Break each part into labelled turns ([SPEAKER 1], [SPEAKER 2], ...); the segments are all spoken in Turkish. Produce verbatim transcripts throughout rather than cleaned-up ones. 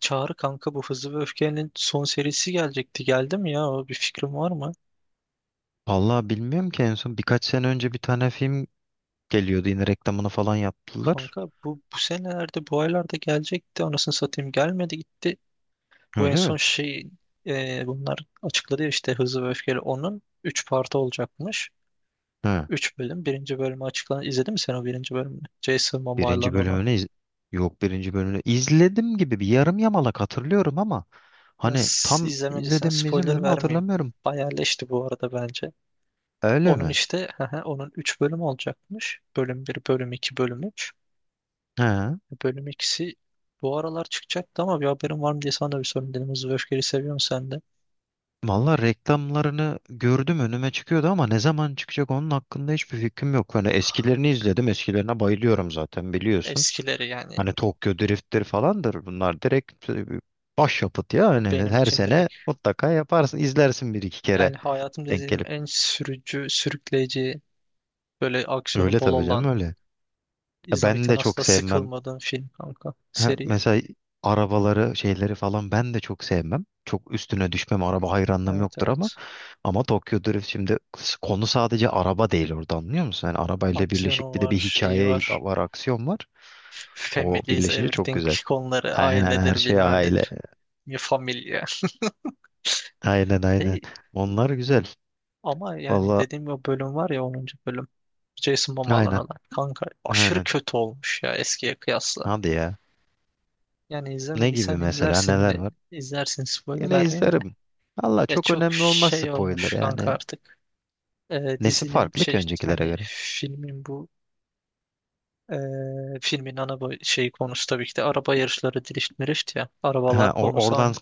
[SPEAKER 1] Çağrı kanka bu Hızlı ve Öfke'nin son serisi gelecekti. Geldi mi ya? O Bir fikrin var mı?
[SPEAKER 2] Vallahi bilmiyorum ki en son birkaç sene önce bir tane film geliyordu, yine reklamını falan yaptılar.
[SPEAKER 1] Kanka bu bu senelerde bu aylarda gelecekti. Anasını satayım gelmedi gitti. Bu en
[SPEAKER 2] Öyle
[SPEAKER 1] son
[SPEAKER 2] mi?
[SPEAKER 1] şey, e, bunlar açıkladı ya işte Hızlı ve Öfkeli onun üç parti olacakmış.
[SPEAKER 2] He.
[SPEAKER 1] Üç bölüm. Birinci bölümü açıklandı. İzledin mi sen o birinci bölümünü? Jason Momoa'yla
[SPEAKER 2] Birinci
[SPEAKER 1] olan.
[SPEAKER 2] bölümünü iz- Yok, birinci bölümünü izledim gibi, bir yarım yamalak hatırlıyorum ama
[SPEAKER 1] Ya
[SPEAKER 2] hani
[SPEAKER 1] s-
[SPEAKER 2] tam
[SPEAKER 1] izlemediysen
[SPEAKER 2] izledim mi
[SPEAKER 1] spoiler
[SPEAKER 2] izlemedim mi
[SPEAKER 1] vermeyeyim.
[SPEAKER 2] hatırlamıyorum.
[SPEAKER 1] Bayağı leşti bu arada bence.
[SPEAKER 2] Öyle
[SPEAKER 1] Onun
[SPEAKER 2] mi?
[SPEAKER 1] işte onun üç bölüm olacakmış. Bölüm bir, bölüm iki, bölüm üç.
[SPEAKER 2] He.
[SPEAKER 1] Bölüm ikisi bu aralar çıkacaktı ama bir haberim var mı diye sana da bir sorayım dedim. Hızlı ve Öfkeli seviyor musun sen de?
[SPEAKER 2] Vallahi reklamlarını gördüm, önüme çıkıyordu ama ne zaman çıkacak onun hakkında hiçbir fikrim yok. Hani eskilerini izledim, eskilerine bayılıyorum zaten biliyorsun.
[SPEAKER 1] Eskileri yani
[SPEAKER 2] Hani Tokyo Drift'tir falandır. Bunlar direkt e, başyapıt ya. Hani
[SPEAKER 1] benim
[SPEAKER 2] her
[SPEAKER 1] için
[SPEAKER 2] sene
[SPEAKER 1] direkt.
[SPEAKER 2] mutlaka yaparsın, izlersin bir iki kere
[SPEAKER 1] Yani hayatımda
[SPEAKER 2] denk
[SPEAKER 1] izlediğim
[SPEAKER 2] gelip.
[SPEAKER 1] en sürücü, sürükleyici, böyle aksiyonu
[SPEAKER 2] Öyle
[SPEAKER 1] bol
[SPEAKER 2] tabii canım,
[SPEAKER 1] olan,
[SPEAKER 2] öyle. Ya ben
[SPEAKER 1] izlemekten
[SPEAKER 2] de çok
[SPEAKER 1] asla
[SPEAKER 2] sevmem.
[SPEAKER 1] sıkılmadığım film kanka.
[SPEAKER 2] Ha,
[SPEAKER 1] Seri.
[SPEAKER 2] mesela arabaları şeyleri falan ben de çok sevmem. Çok üstüne düşmem. Araba hayranlığım
[SPEAKER 1] Evet,
[SPEAKER 2] yoktur ama.
[SPEAKER 1] evet.
[SPEAKER 2] Ama Tokyo Drift şimdi s- konu sadece araba değil orada, anlıyor musun? Yani arabayla birleşik
[SPEAKER 1] Aksiyonu
[SPEAKER 2] bir de
[SPEAKER 1] var,
[SPEAKER 2] bir
[SPEAKER 1] şeyi
[SPEAKER 2] hikaye
[SPEAKER 1] var.
[SPEAKER 2] var, aksiyon var. O
[SPEAKER 1] Family is
[SPEAKER 2] birleşince çok
[SPEAKER 1] everything
[SPEAKER 2] güzel.
[SPEAKER 1] konuları,
[SPEAKER 2] Aynen, her
[SPEAKER 1] ailedir
[SPEAKER 2] şey
[SPEAKER 1] bilmem
[SPEAKER 2] aile.
[SPEAKER 1] nedir. Mi familia.
[SPEAKER 2] Aynen aynen.
[SPEAKER 1] Hey,
[SPEAKER 2] Onlar güzel.
[SPEAKER 1] ama yani
[SPEAKER 2] Valla
[SPEAKER 1] dediğim o bölüm var ya, onuncu bölüm. Jason Momoa'nın
[SPEAKER 2] aynen.
[SPEAKER 1] olan. Kanka aşırı
[SPEAKER 2] Aynen.
[SPEAKER 1] kötü olmuş ya eskiye kıyasla.
[SPEAKER 2] Hadi ya.
[SPEAKER 1] Yani
[SPEAKER 2] Ne gibi
[SPEAKER 1] izlemediysen
[SPEAKER 2] mesela,
[SPEAKER 1] izlersin
[SPEAKER 2] neler
[SPEAKER 1] yine.
[SPEAKER 2] var?
[SPEAKER 1] İzlersin, spoiler
[SPEAKER 2] Yine
[SPEAKER 1] vermeyeyim de.
[SPEAKER 2] izlerim. Valla
[SPEAKER 1] Ya
[SPEAKER 2] çok
[SPEAKER 1] çok
[SPEAKER 2] önemli olmaz
[SPEAKER 1] şey
[SPEAKER 2] spoiler
[SPEAKER 1] olmuş kanka
[SPEAKER 2] yani.
[SPEAKER 1] artık. Ee,
[SPEAKER 2] Nesi
[SPEAKER 1] dizinin
[SPEAKER 2] farklı ki
[SPEAKER 1] şey,
[SPEAKER 2] öncekilere
[SPEAKER 1] yani
[SPEAKER 2] göre?
[SPEAKER 1] filmin bu, ee, filmin ana boy- şey konusu tabii ki de araba yarışları, drift mirift ya.
[SPEAKER 2] Ha,
[SPEAKER 1] Arabalar
[SPEAKER 2] or-
[SPEAKER 1] konusu
[SPEAKER 2] oradan
[SPEAKER 1] onu.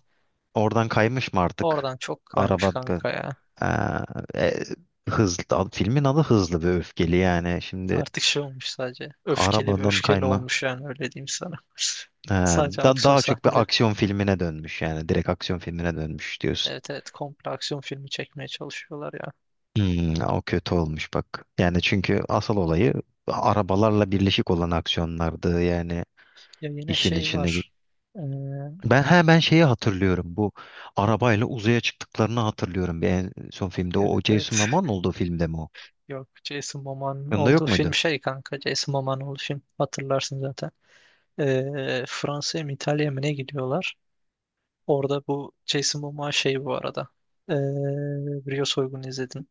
[SPEAKER 2] oradan kaymış mı artık?
[SPEAKER 1] Oradan çok kaymış
[SPEAKER 2] Araba.
[SPEAKER 1] kanka ya.
[SPEAKER 2] Ha, e, hızlı ad- filmin adı Hızlı ve Öfkeli yani. Şimdi
[SPEAKER 1] Artık şey olmuş sadece. Öfkeli, bir
[SPEAKER 2] arabadan
[SPEAKER 1] öfkeli
[SPEAKER 2] kayma,
[SPEAKER 1] olmuş, yani öyle diyeyim sana.
[SPEAKER 2] ha,
[SPEAKER 1] Sadece
[SPEAKER 2] da,
[SPEAKER 1] aksiyon
[SPEAKER 2] daha çok bir
[SPEAKER 1] sahneleri.
[SPEAKER 2] aksiyon filmine dönmüş yani. Direkt aksiyon filmine dönmüş diyorsun.
[SPEAKER 1] Evet, evet, komple aksiyon filmi çekmeye çalışıyorlar ya.
[SPEAKER 2] Hmm, o kötü olmuş bak. Yani çünkü asıl olayı arabalarla birleşik olan aksiyonlardı yani,
[SPEAKER 1] Ya yine
[SPEAKER 2] işin
[SPEAKER 1] şey
[SPEAKER 2] içine.
[SPEAKER 1] var. Ee,
[SPEAKER 2] Ben he ben şeyi hatırlıyorum. Bu arabayla uzaya çıktıklarını hatırlıyorum. Bir en son filmde o, o
[SPEAKER 1] evet,
[SPEAKER 2] Jason
[SPEAKER 1] evet.
[SPEAKER 2] Momoa'nın olduğu filmde mi o?
[SPEAKER 1] Yok, Jason Momoa'nın
[SPEAKER 2] Yanında
[SPEAKER 1] olduğu
[SPEAKER 2] yok
[SPEAKER 1] film
[SPEAKER 2] muydu?
[SPEAKER 1] şey kanka. Jason Momoa'nın olduğu film. Hatırlarsın zaten. Ee, Fransa'ya mı, İtalya'ya mı ne gidiyorlar? Orada bu Jason Momoa şey bu arada. Ee, Rio soygunu izledin.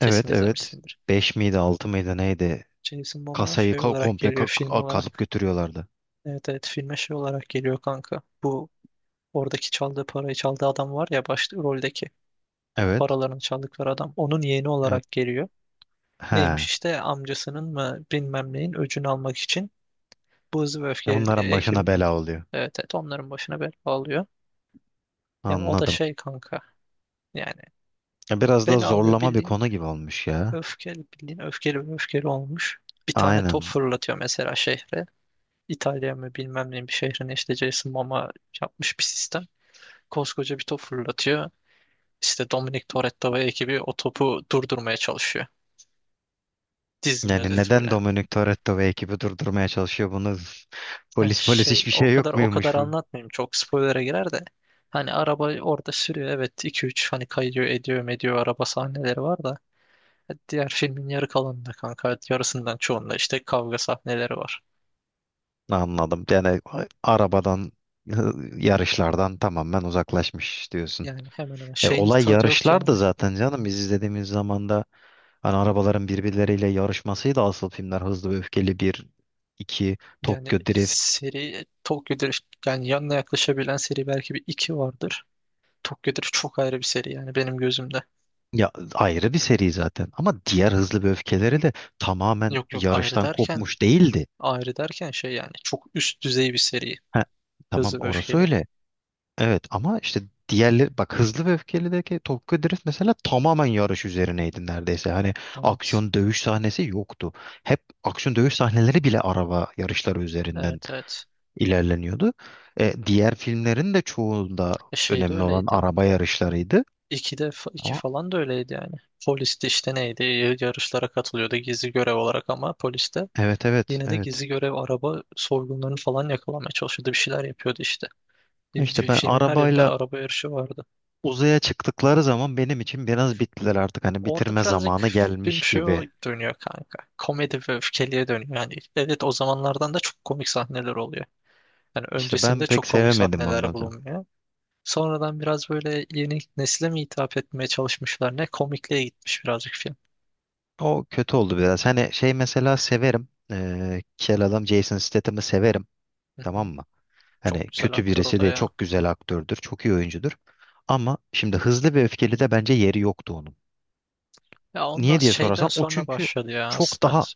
[SPEAKER 1] Kesin
[SPEAKER 2] Evet evet.
[SPEAKER 1] izlemişsindir.
[SPEAKER 2] Beş miydi, altı mıydı, neydi?
[SPEAKER 1] Jason Momoa
[SPEAKER 2] Kasayı
[SPEAKER 1] şey
[SPEAKER 2] ka-
[SPEAKER 1] olarak
[SPEAKER 2] komple
[SPEAKER 1] geliyor,
[SPEAKER 2] ka-
[SPEAKER 1] film
[SPEAKER 2] ka- kazıp
[SPEAKER 1] olarak.
[SPEAKER 2] götürüyorlardı.
[SPEAKER 1] Evet, evet, filme şey olarak geliyor kanka. Bu oradaki çaldığı parayı, çaldığı adam var ya, başta roldeki
[SPEAKER 2] Evet.
[SPEAKER 1] paralarını çaldıkları adam. Onun yeğeni
[SPEAKER 2] Evet.
[SPEAKER 1] olarak geliyor.
[SPEAKER 2] He.
[SPEAKER 1] Neymiş
[SPEAKER 2] Ya
[SPEAKER 1] işte amcasının mı bilmem neyin öcünü almak için bu Hızlı ve Öfkeli
[SPEAKER 2] bunların başına
[SPEAKER 1] ekibin,
[SPEAKER 2] bela oluyor.
[SPEAKER 1] evet, evet, onların başına bela alıyor. Yani o da
[SPEAKER 2] Anladım.
[SPEAKER 1] şey kanka, yani
[SPEAKER 2] Ya biraz da
[SPEAKER 1] bela alıyor
[SPEAKER 2] zorlama bir
[SPEAKER 1] bildiğin,
[SPEAKER 2] konu gibi olmuş ya.
[SPEAKER 1] öfkeli bildiğin, öfkeli ve öfkeli olmuş. Bir tane top
[SPEAKER 2] Aynen.
[SPEAKER 1] fırlatıyor mesela şehre. İtalya mı bilmem neyin bir şehrin, işte Jason Momoa yapmış bir sistem, koskoca bir top fırlatıyor. İşte Dominic Toretto ve ekibi o topu durdurmaya çalışıyor. Dizinin
[SPEAKER 2] Yani
[SPEAKER 1] özeti bu
[SPEAKER 2] neden
[SPEAKER 1] yani.
[SPEAKER 2] Dominic Toretto ve ekibi durdurmaya çalışıyor bunu?
[SPEAKER 1] Ha,
[SPEAKER 2] Polis, polis
[SPEAKER 1] şey,
[SPEAKER 2] hiçbir
[SPEAKER 1] o
[SPEAKER 2] şey
[SPEAKER 1] kadar
[SPEAKER 2] yok
[SPEAKER 1] o kadar
[SPEAKER 2] muymuş?
[SPEAKER 1] anlatmayayım. Çok spoiler'a girer de. Hani araba orada sürüyor. Evet, iki üç hani kayıyor ediyor mediyor, araba sahneleri var da. Diğer filmin yarı kalanında kanka, yarısından çoğunda işte kavga sahneleri var.
[SPEAKER 2] Anladım. Yani a- arabadan, yarışlardan tamamen uzaklaşmış diyorsun.
[SPEAKER 1] Yani hemen hemen
[SPEAKER 2] E,
[SPEAKER 1] şeyin
[SPEAKER 2] olay
[SPEAKER 1] tadı yok
[SPEAKER 2] yarışlar
[SPEAKER 1] yani.
[SPEAKER 2] da zaten canım. Biz izlediğimiz zaman da hani arabaların birbirleriyle yarışmasıydı asıl filmler. Hızlı ve Öfkeli bir, iki,
[SPEAKER 1] Yani
[SPEAKER 2] Tokyo Drift.
[SPEAKER 1] seri, Tokyo Drift yani, yanına yaklaşabilen seri belki bir iki vardır. Tokyo Drift çok ayrı bir seri yani benim gözümde.
[SPEAKER 2] Ya ayrı bir seri zaten. Ama diğer Hızlı ve Öfkeleri de tamamen
[SPEAKER 1] Yok yok, ayrı
[SPEAKER 2] yarıştan
[SPEAKER 1] derken,
[SPEAKER 2] kopmuş değildi.
[SPEAKER 1] ayrı derken şey yani, çok üst düzey bir seri.
[SPEAKER 2] Ha, tamam
[SPEAKER 1] Hızlı ve
[SPEAKER 2] orası
[SPEAKER 1] Öfkeli.
[SPEAKER 2] öyle. Evet, ama işte diğerleri bak, Hızlı ve Öfkeli'deki Tokyo Drift mesela tamamen yarış üzerineydi neredeyse. Hani
[SPEAKER 1] Evet.
[SPEAKER 2] aksiyon dövüş sahnesi yoktu. Hep aksiyon dövüş sahneleri bile araba yarışları üzerinden
[SPEAKER 1] Evet, evet.
[SPEAKER 2] ilerleniyordu. E, diğer filmlerin de çoğunda
[SPEAKER 1] E şey de
[SPEAKER 2] önemli olan
[SPEAKER 1] öyleydi.
[SPEAKER 2] araba yarışlarıydı.
[SPEAKER 1] ikide fa- iki
[SPEAKER 2] Ama
[SPEAKER 1] falan da öyleydi yani. Poliste işte neydi? y- Yarışlara katılıyordu gizli görev olarak ama poliste
[SPEAKER 2] evet, evet,
[SPEAKER 1] yine de
[SPEAKER 2] evet.
[SPEAKER 1] gizli görev araba soygunlarını falan yakalamaya çalışıyordu. Bir şeyler yapıyordu işte. Bir-
[SPEAKER 2] İşte
[SPEAKER 1] bir
[SPEAKER 2] ben
[SPEAKER 1] Filmin her yerinde
[SPEAKER 2] arabayla
[SPEAKER 1] araba yarışı vardı.
[SPEAKER 2] uzaya çıktıkları zaman benim için biraz bittiler artık. Hani
[SPEAKER 1] Orada
[SPEAKER 2] bitirme
[SPEAKER 1] birazcık
[SPEAKER 2] zamanı
[SPEAKER 1] film
[SPEAKER 2] gelmiş
[SPEAKER 1] şey o-
[SPEAKER 2] gibi.
[SPEAKER 1] dönüyor kanka. Komedi ve öfkeliye dönüyor. Yani evet, o zamanlardan da çok komik sahneler oluyor. Yani
[SPEAKER 2] İşte ben
[SPEAKER 1] öncesinde
[SPEAKER 2] pek
[SPEAKER 1] çok komik
[SPEAKER 2] sevemedim
[SPEAKER 1] sahneler
[SPEAKER 2] onları.
[SPEAKER 1] bulunmuyor. Sonradan biraz böyle yeni nesile mi hitap etmeye çalışmışlar ne? Komikliğe gitmiş birazcık film.
[SPEAKER 2] O kötü oldu biraz. Hani şey mesela severim. Ee, kel adam Jason Statham'ı severim.
[SPEAKER 1] Hı
[SPEAKER 2] Tamam
[SPEAKER 1] hı.
[SPEAKER 2] mı?
[SPEAKER 1] Çok
[SPEAKER 2] Hani
[SPEAKER 1] güzel
[SPEAKER 2] kötü
[SPEAKER 1] aktör o
[SPEAKER 2] birisi
[SPEAKER 1] da
[SPEAKER 2] de
[SPEAKER 1] ya.
[SPEAKER 2] çok güzel aktördür. Çok iyi oyuncudur. Ama şimdi Hızlı ve Öfkeli de bence yeri yoktu onun.
[SPEAKER 1] Ya ondan
[SPEAKER 2] Niye diye
[SPEAKER 1] şeyden
[SPEAKER 2] sorarsan o
[SPEAKER 1] sonra
[SPEAKER 2] çünkü
[SPEAKER 1] başladı ya
[SPEAKER 2] çok
[SPEAKER 1] aslında.
[SPEAKER 2] daha,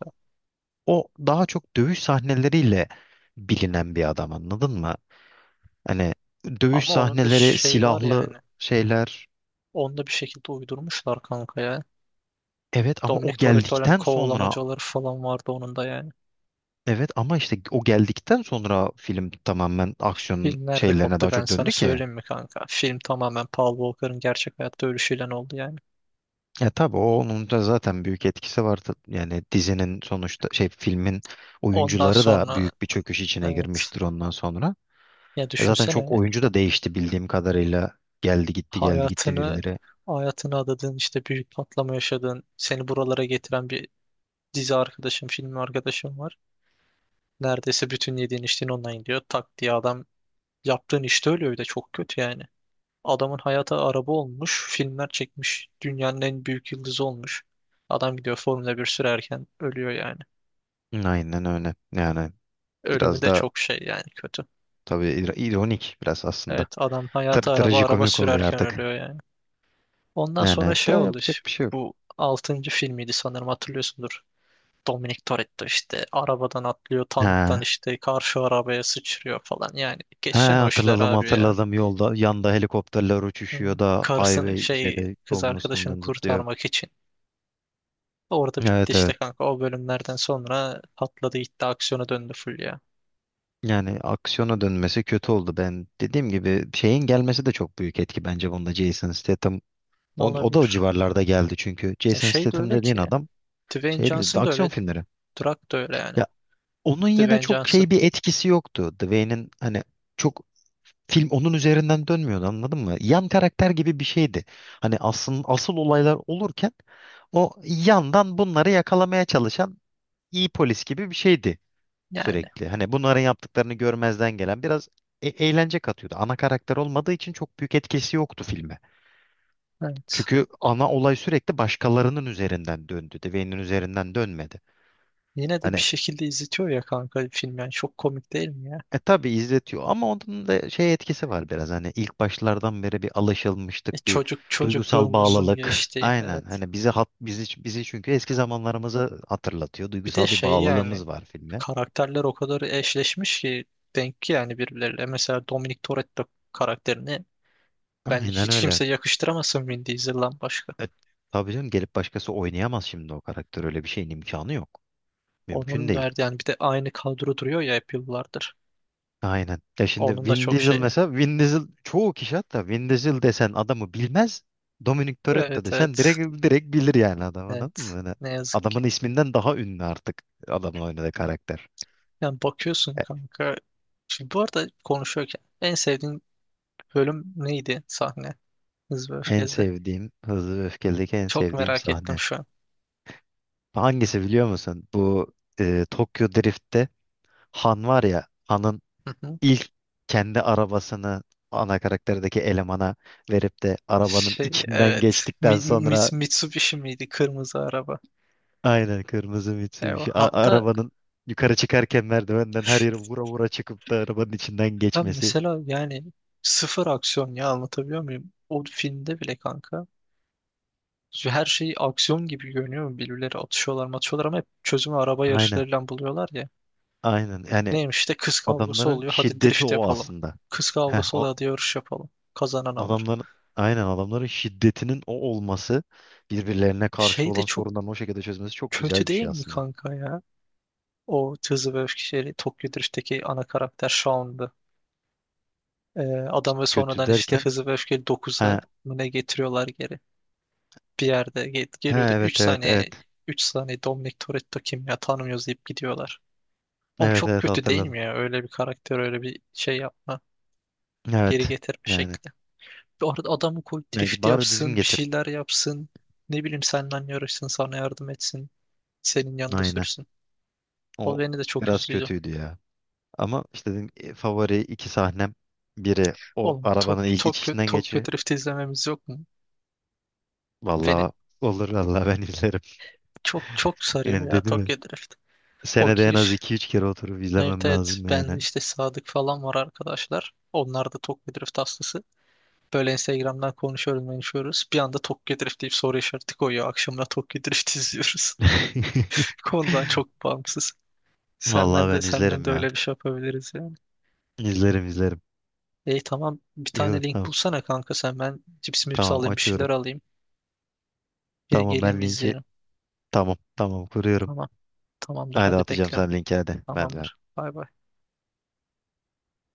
[SPEAKER 2] o daha çok dövüş sahneleriyle bilinen bir adam, anladın mı? Hani dövüş
[SPEAKER 1] Ama onun da
[SPEAKER 2] sahneleri,
[SPEAKER 1] şey var
[SPEAKER 2] silahlı
[SPEAKER 1] yani.
[SPEAKER 2] şeyler.
[SPEAKER 1] Onu da bir şekilde uydurmuşlar kanka ya.
[SPEAKER 2] evet ama o
[SPEAKER 1] Dominic Toretto'nun
[SPEAKER 2] geldikten sonra
[SPEAKER 1] kovalamacaları falan vardı onun da yani.
[SPEAKER 2] Evet ama işte o geldikten sonra film tamamen aksiyon
[SPEAKER 1] Film nerede
[SPEAKER 2] şeylerine
[SPEAKER 1] koptu
[SPEAKER 2] daha
[SPEAKER 1] ben
[SPEAKER 2] çok
[SPEAKER 1] sana
[SPEAKER 2] döndü ki.
[SPEAKER 1] söyleyeyim mi kanka? Film tamamen Paul Walker'ın gerçek hayatta ölüşüyle oldu yani.
[SPEAKER 2] Ya tabii o onun da zaten büyük etkisi vardı. Yani dizinin sonuçta şey, filmin
[SPEAKER 1] Ondan
[SPEAKER 2] oyuncuları da
[SPEAKER 1] sonra
[SPEAKER 2] büyük bir çöküş içine
[SPEAKER 1] evet.
[SPEAKER 2] girmiştir ondan sonra.
[SPEAKER 1] Ya
[SPEAKER 2] E zaten çok
[SPEAKER 1] düşünsene,
[SPEAKER 2] oyuncu da değişti bildiğim kadarıyla. Geldi gitti, geldi gitti
[SPEAKER 1] hayatını
[SPEAKER 2] birileri.
[SPEAKER 1] hayatını adadığın, işte büyük patlama yaşadığın, seni buralara getiren bir dizi arkadaşım, film arkadaşım var. Neredeyse bütün yediğin içtiğin ondan gidiyor. Tak diye adam, yaptığın işte ölüyor, bir de çok kötü yani. Adamın hayata araba olmuş, filmler çekmiş, dünyanın en büyük yıldızı olmuş. Adam gidiyor Formula bir sürerken ölüyor yani.
[SPEAKER 2] Aynen öyle. Yani
[SPEAKER 1] Ölümü
[SPEAKER 2] biraz
[SPEAKER 1] de
[SPEAKER 2] da
[SPEAKER 1] çok şey yani, kötü.
[SPEAKER 2] tabii ir- ironik biraz aslında.
[SPEAKER 1] Evet, adam
[SPEAKER 2] Tabii
[SPEAKER 1] hayata araba, araba
[SPEAKER 2] trajikomik oluyor
[SPEAKER 1] sürerken
[SPEAKER 2] artık.
[SPEAKER 1] ölüyor yani. Ondan
[SPEAKER 2] Yani
[SPEAKER 1] sonra şey
[SPEAKER 2] daha
[SPEAKER 1] oldu.
[SPEAKER 2] yapacak bir şey yok.
[SPEAKER 1] Bu altıncı filmiydi sanırım, hatırlıyorsundur. Dominic Toretto işte arabadan atlıyor, tanktan
[SPEAKER 2] Ha.
[SPEAKER 1] işte karşı arabaya sıçrıyor falan, yani
[SPEAKER 2] He,
[SPEAKER 1] geçen o işler
[SPEAKER 2] hatırladım
[SPEAKER 1] abi ya.
[SPEAKER 2] hatırladım, yolda yanda helikopterler
[SPEAKER 1] Hı.
[SPEAKER 2] uçuşuyor da
[SPEAKER 1] Karısını
[SPEAKER 2] highway
[SPEAKER 1] şey,
[SPEAKER 2] şeyde
[SPEAKER 1] kız
[SPEAKER 2] yolun
[SPEAKER 1] arkadaşını
[SPEAKER 2] üstünden zıplıyor.
[SPEAKER 1] kurtarmak için. Orada bitti
[SPEAKER 2] Evet
[SPEAKER 1] işte
[SPEAKER 2] evet.
[SPEAKER 1] kanka, o bölümlerden sonra patladı gitti, aksiyona döndü full ya.
[SPEAKER 2] Yani aksiyona dönmesi kötü oldu. Ben dediğim gibi şeyin gelmesi de çok büyük etki bence bunda, Jason Statham.
[SPEAKER 1] Ne
[SPEAKER 2] O, o da o
[SPEAKER 1] olabilir?
[SPEAKER 2] civarlarda geldi çünkü.
[SPEAKER 1] E
[SPEAKER 2] Jason
[SPEAKER 1] şey de
[SPEAKER 2] Statham
[SPEAKER 1] öyle
[SPEAKER 2] dediğin
[SPEAKER 1] ki,
[SPEAKER 2] adam
[SPEAKER 1] Dwayne
[SPEAKER 2] şey,
[SPEAKER 1] Johnson da
[SPEAKER 2] aksiyon
[SPEAKER 1] öyle,
[SPEAKER 2] filmleri.
[SPEAKER 1] Drak da öyle yani.
[SPEAKER 2] Ya onun yine
[SPEAKER 1] Dwayne
[SPEAKER 2] çok
[SPEAKER 1] Johnson
[SPEAKER 2] şey bir etkisi yoktu. Dwayne'in hani çok, film onun üzerinden dönmüyordu, anladın mı? Yan karakter gibi bir şeydi. Hani asıl, asıl olaylar olurken o yandan bunları yakalamaya çalışan iyi polis gibi bir şeydi
[SPEAKER 1] yani
[SPEAKER 2] sürekli. Hani bunların yaptıklarını görmezden gelen biraz e- eğlence katıyordu. Ana karakter olmadığı için çok büyük etkisi yoktu filme.
[SPEAKER 1] evet.
[SPEAKER 2] Çünkü ana olay sürekli başkalarının üzerinden döndü. Dwayne'in üzerinden dönmedi.
[SPEAKER 1] Yine de bir
[SPEAKER 2] Hani
[SPEAKER 1] şekilde izletiyor ya kanka film, yani çok komik değil mi ya?
[SPEAKER 2] e tabii izletiyor ama onun da şey etkisi var biraz, hani ilk başlardan beri bir
[SPEAKER 1] E
[SPEAKER 2] alışılmışlık, bir
[SPEAKER 1] çocuk
[SPEAKER 2] duygusal
[SPEAKER 1] çocukluğumuzun
[SPEAKER 2] bağlılık.
[SPEAKER 1] geçtiği,
[SPEAKER 2] Aynen,
[SPEAKER 1] evet.
[SPEAKER 2] hani bizi hat, bizi bizi çünkü eski zamanlarımızı hatırlatıyor.
[SPEAKER 1] Bir de
[SPEAKER 2] Duygusal bir
[SPEAKER 1] şey yani,
[SPEAKER 2] bağlılığımız var filme.
[SPEAKER 1] karakterler o kadar eşleşmiş ki, denk ki yani birbirleriyle. Mesela Dominic Toretto karakterini ben
[SPEAKER 2] Aynen
[SPEAKER 1] hiç
[SPEAKER 2] öyle.
[SPEAKER 1] kimse yakıştıramasın Vin Diesel'dan başka.
[SPEAKER 2] E, tabii canım, gelip başkası oynayamaz şimdi o karakter, öyle bir şeyin imkanı yok. Mümkün
[SPEAKER 1] Onun
[SPEAKER 2] değil.
[SPEAKER 1] derdi yani, bir de aynı kadro duruyor ya hep yıllardır.
[SPEAKER 2] Aynen. Ya şimdi
[SPEAKER 1] Onun da
[SPEAKER 2] Vin
[SPEAKER 1] çok
[SPEAKER 2] Diesel
[SPEAKER 1] şeyi.
[SPEAKER 2] mesela, Vin Diesel çoğu kişi, hatta Vin Diesel desen adamı bilmez. Dominic Toretto
[SPEAKER 1] Evet,
[SPEAKER 2] desen
[SPEAKER 1] evet.
[SPEAKER 2] direkt direkt bilir yani adam,
[SPEAKER 1] Evet.
[SPEAKER 2] anladın mı? Hani
[SPEAKER 1] Ne yazık ki.
[SPEAKER 2] adamın isminden daha ünlü artık adamın oynadığı karakter.
[SPEAKER 1] Yani bakıyorsun
[SPEAKER 2] E,
[SPEAKER 1] kanka. Şimdi bu arada konuşuyorken en sevdiğin bölüm neydi, sahne Hız ve
[SPEAKER 2] En
[SPEAKER 1] Öfke'de?
[SPEAKER 2] sevdiğim Hızlı ve Öfkeli'deki en
[SPEAKER 1] Çok
[SPEAKER 2] sevdiğim
[SPEAKER 1] merak ettim
[SPEAKER 2] sahne.
[SPEAKER 1] şu an.
[SPEAKER 2] Hangisi biliyor musun? Bu e, Tokyo Drift'te Han var ya, Han'ın
[SPEAKER 1] Hı hı.
[SPEAKER 2] ilk kendi arabasını ana karakterdeki elemana verip de arabanın
[SPEAKER 1] Şey,
[SPEAKER 2] içinden
[SPEAKER 1] evet.
[SPEAKER 2] geçtikten
[SPEAKER 1] Mi-
[SPEAKER 2] sonra.
[SPEAKER 1] Mits- Mitsubishi miydi? Kırmızı araba.
[SPEAKER 2] Aynen, kırmızı
[SPEAKER 1] Eyvah.
[SPEAKER 2] Mitsubishi. A-
[SPEAKER 1] Hatta
[SPEAKER 2] arabanın yukarı çıkarken merdivenden her yere vura vura çıkıp da arabanın içinden
[SPEAKER 1] ben
[SPEAKER 2] geçmesi.
[SPEAKER 1] mesela yani sıfır aksiyon ya, anlatabiliyor muyum? O filmde bile kanka her şey aksiyon gibi görünüyor. Birbirleri atışıyorlar matışıyorlar ama hep çözümü araba
[SPEAKER 2] Aynen.
[SPEAKER 1] yarışlarıyla buluyorlar ya.
[SPEAKER 2] Aynen. Yani
[SPEAKER 1] Neymiş işte, kız kavgası
[SPEAKER 2] adamların
[SPEAKER 1] oluyor, hadi
[SPEAKER 2] şiddeti
[SPEAKER 1] drift
[SPEAKER 2] o
[SPEAKER 1] yapalım.
[SPEAKER 2] aslında.
[SPEAKER 1] Kız
[SPEAKER 2] Heh,
[SPEAKER 1] kavgası
[SPEAKER 2] o
[SPEAKER 1] oluyor, hadi yarış yapalım. Kazanan alır.
[SPEAKER 2] adamların, aynen adamların şiddetinin o olması, birbirlerine karşı
[SPEAKER 1] Şey de
[SPEAKER 2] olan
[SPEAKER 1] çok
[SPEAKER 2] sorunların o şekilde çözmesi çok
[SPEAKER 1] kötü
[SPEAKER 2] güzel bir
[SPEAKER 1] değil
[SPEAKER 2] şey
[SPEAKER 1] mi
[SPEAKER 2] aslında.
[SPEAKER 1] kanka ya? O Hızlı ve Öfkeli Tokyo Drift'teki ana karakter Shaun'du. Ee, adamı
[SPEAKER 2] Kötü
[SPEAKER 1] sonradan işte
[SPEAKER 2] derken,
[SPEAKER 1] Hızlı ve Öfkeli dokuza
[SPEAKER 2] ha,
[SPEAKER 1] mı ne getiriyorlar geri. Bir yerde gel- geliyordu,
[SPEAKER 2] ha
[SPEAKER 1] üç
[SPEAKER 2] evet evet evet.
[SPEAKER 1] saniye, üç saniye Dominic Toretto kim ya, tanımıyoruz deyip gidiyorlar. Oğlum
[SPEAKER 2] Evet
[SPEAKER 1] çok
[SPEAKER 2] evet
[SPEAKER 1] kötü değil
[SPEAKER 2] hatırladım.
[SPEAKER 1] mi ya? Öyle bir karakter öyle bir şey yapma. Geri
[SPEAKER 2] Evet.
[SPEAKER 1] getirme
[SPEAKER 2] Yani,
[SPEAKER 1] şekli. Bu arada adamı koy,
[SPEAKER 2] yani
[SPEAKER 1] drift
[SPEAKER 2] bari düzgün
[SPEAKER 1] yapsın, bir
[SPEAKER 2] getir.
[SPEAKER 1] şeyler yapsın. Ne bileyim seninle yarışsın, sana yardım etsin. Senin yanında
[SPEAKER 2] Aynen.
[SPEAKER 1] sürsün. O
[SPEAKER 2] O
[SPEAKER 1] beni de çok
[SPEAKER 2] biraz
[SPEAKER 1] üzdüydü.
[SPEAKER 2] kötüydü ya. Ama işte dedim e, favori iki sahnem, biri o
[SPEAKER 1] Oğlum Tok
[SPEAKER 2] arabanın ilk
[SPEAKER 1] Tokyo,
[SPEAKER 2] içişinden
[SPEAKER 1] Tokyo
[SPEAKER 2] geçiyor.
[SPEAKER 1] Drift izlememiz yok mu? Beni
[SPEAKER 2] Vallahi olur, vallahi ben izlerim.
[SPEAKER 1] çok çok sarıyor
[SPEAKER 2] Yani
[SPEAKER 1] ya
[SPEAKER 2] dedim ya,
[SPEAKER 1] Tokyo Drift. O
[SPEAKER 2] senede en az
[SPEAKER 1] giriş.
[SPEAKER 2] iki üç kere oturup
[SPEAKER 1] Evet,
[SPEAKER 2] izlemem
[SPEAKER 1] evet,
[SPEAKER 2] lazım
[SPEAKER 1] ben de
[SPEAKER 2] yani.
[SPEAKER 1] işte Sadık falan var arkadaşlar. Onlar da Tokyo Drift hastası. Böyle Instagram'dan konuşuyoruz konuşuyoruz. Bir anda Tokyo Drift deyip soru işareti koyuyor. Akşamına Tokyo Drift izliyoruz. Konudan çok bağımsız. Senden
[SPEAKER 2] Vallahi
[SPEAKER 1] de
[SPEAKER 2] ben
[SPEAKER 1] senden
[SPEAKER 2] izlerim
[SPEAKER 1] de
[SPEAKER 2] ya.
[SPEAKER 1] öyle bir şey yapabiliriz yani.
[SPEAKER 2] İzlerim izlerim.
[SPEAKER 1] E tamam, bir
[SPEAKER 2] İyi olur,
[SPEAKER 1] tane link
[SPEAKER 2] tamam.
[SPEAKER 1] bulsana kanka, sen ben cips mips
[SPEAKER 2] Tamam,
[SPEAKER 1] alayım, bir
[SPEAKER 2] açıyorum.
[SPEAKER 1] şeyler alayım. Gel
[SPEAKER 2] Tamam
[SPEAKER 1] geleyim
[SPEAKER 2] ben linki,
[SPEAKER 1] izleyelim.
[SPEAKER 2] tamam tamam kuruyorum.
[SPEAKER 1] Tamam tamamdır,
[SPEAKER 2] Hadi
[SPEAKER 1] hadi
[SPEAKER 2] atacağım
[SPEAKER 1] bekliyorum.
[SPEAKER 2] sen linki, hadi. Ben de
[SPEAKER 1] Tamamdır. Bay bay.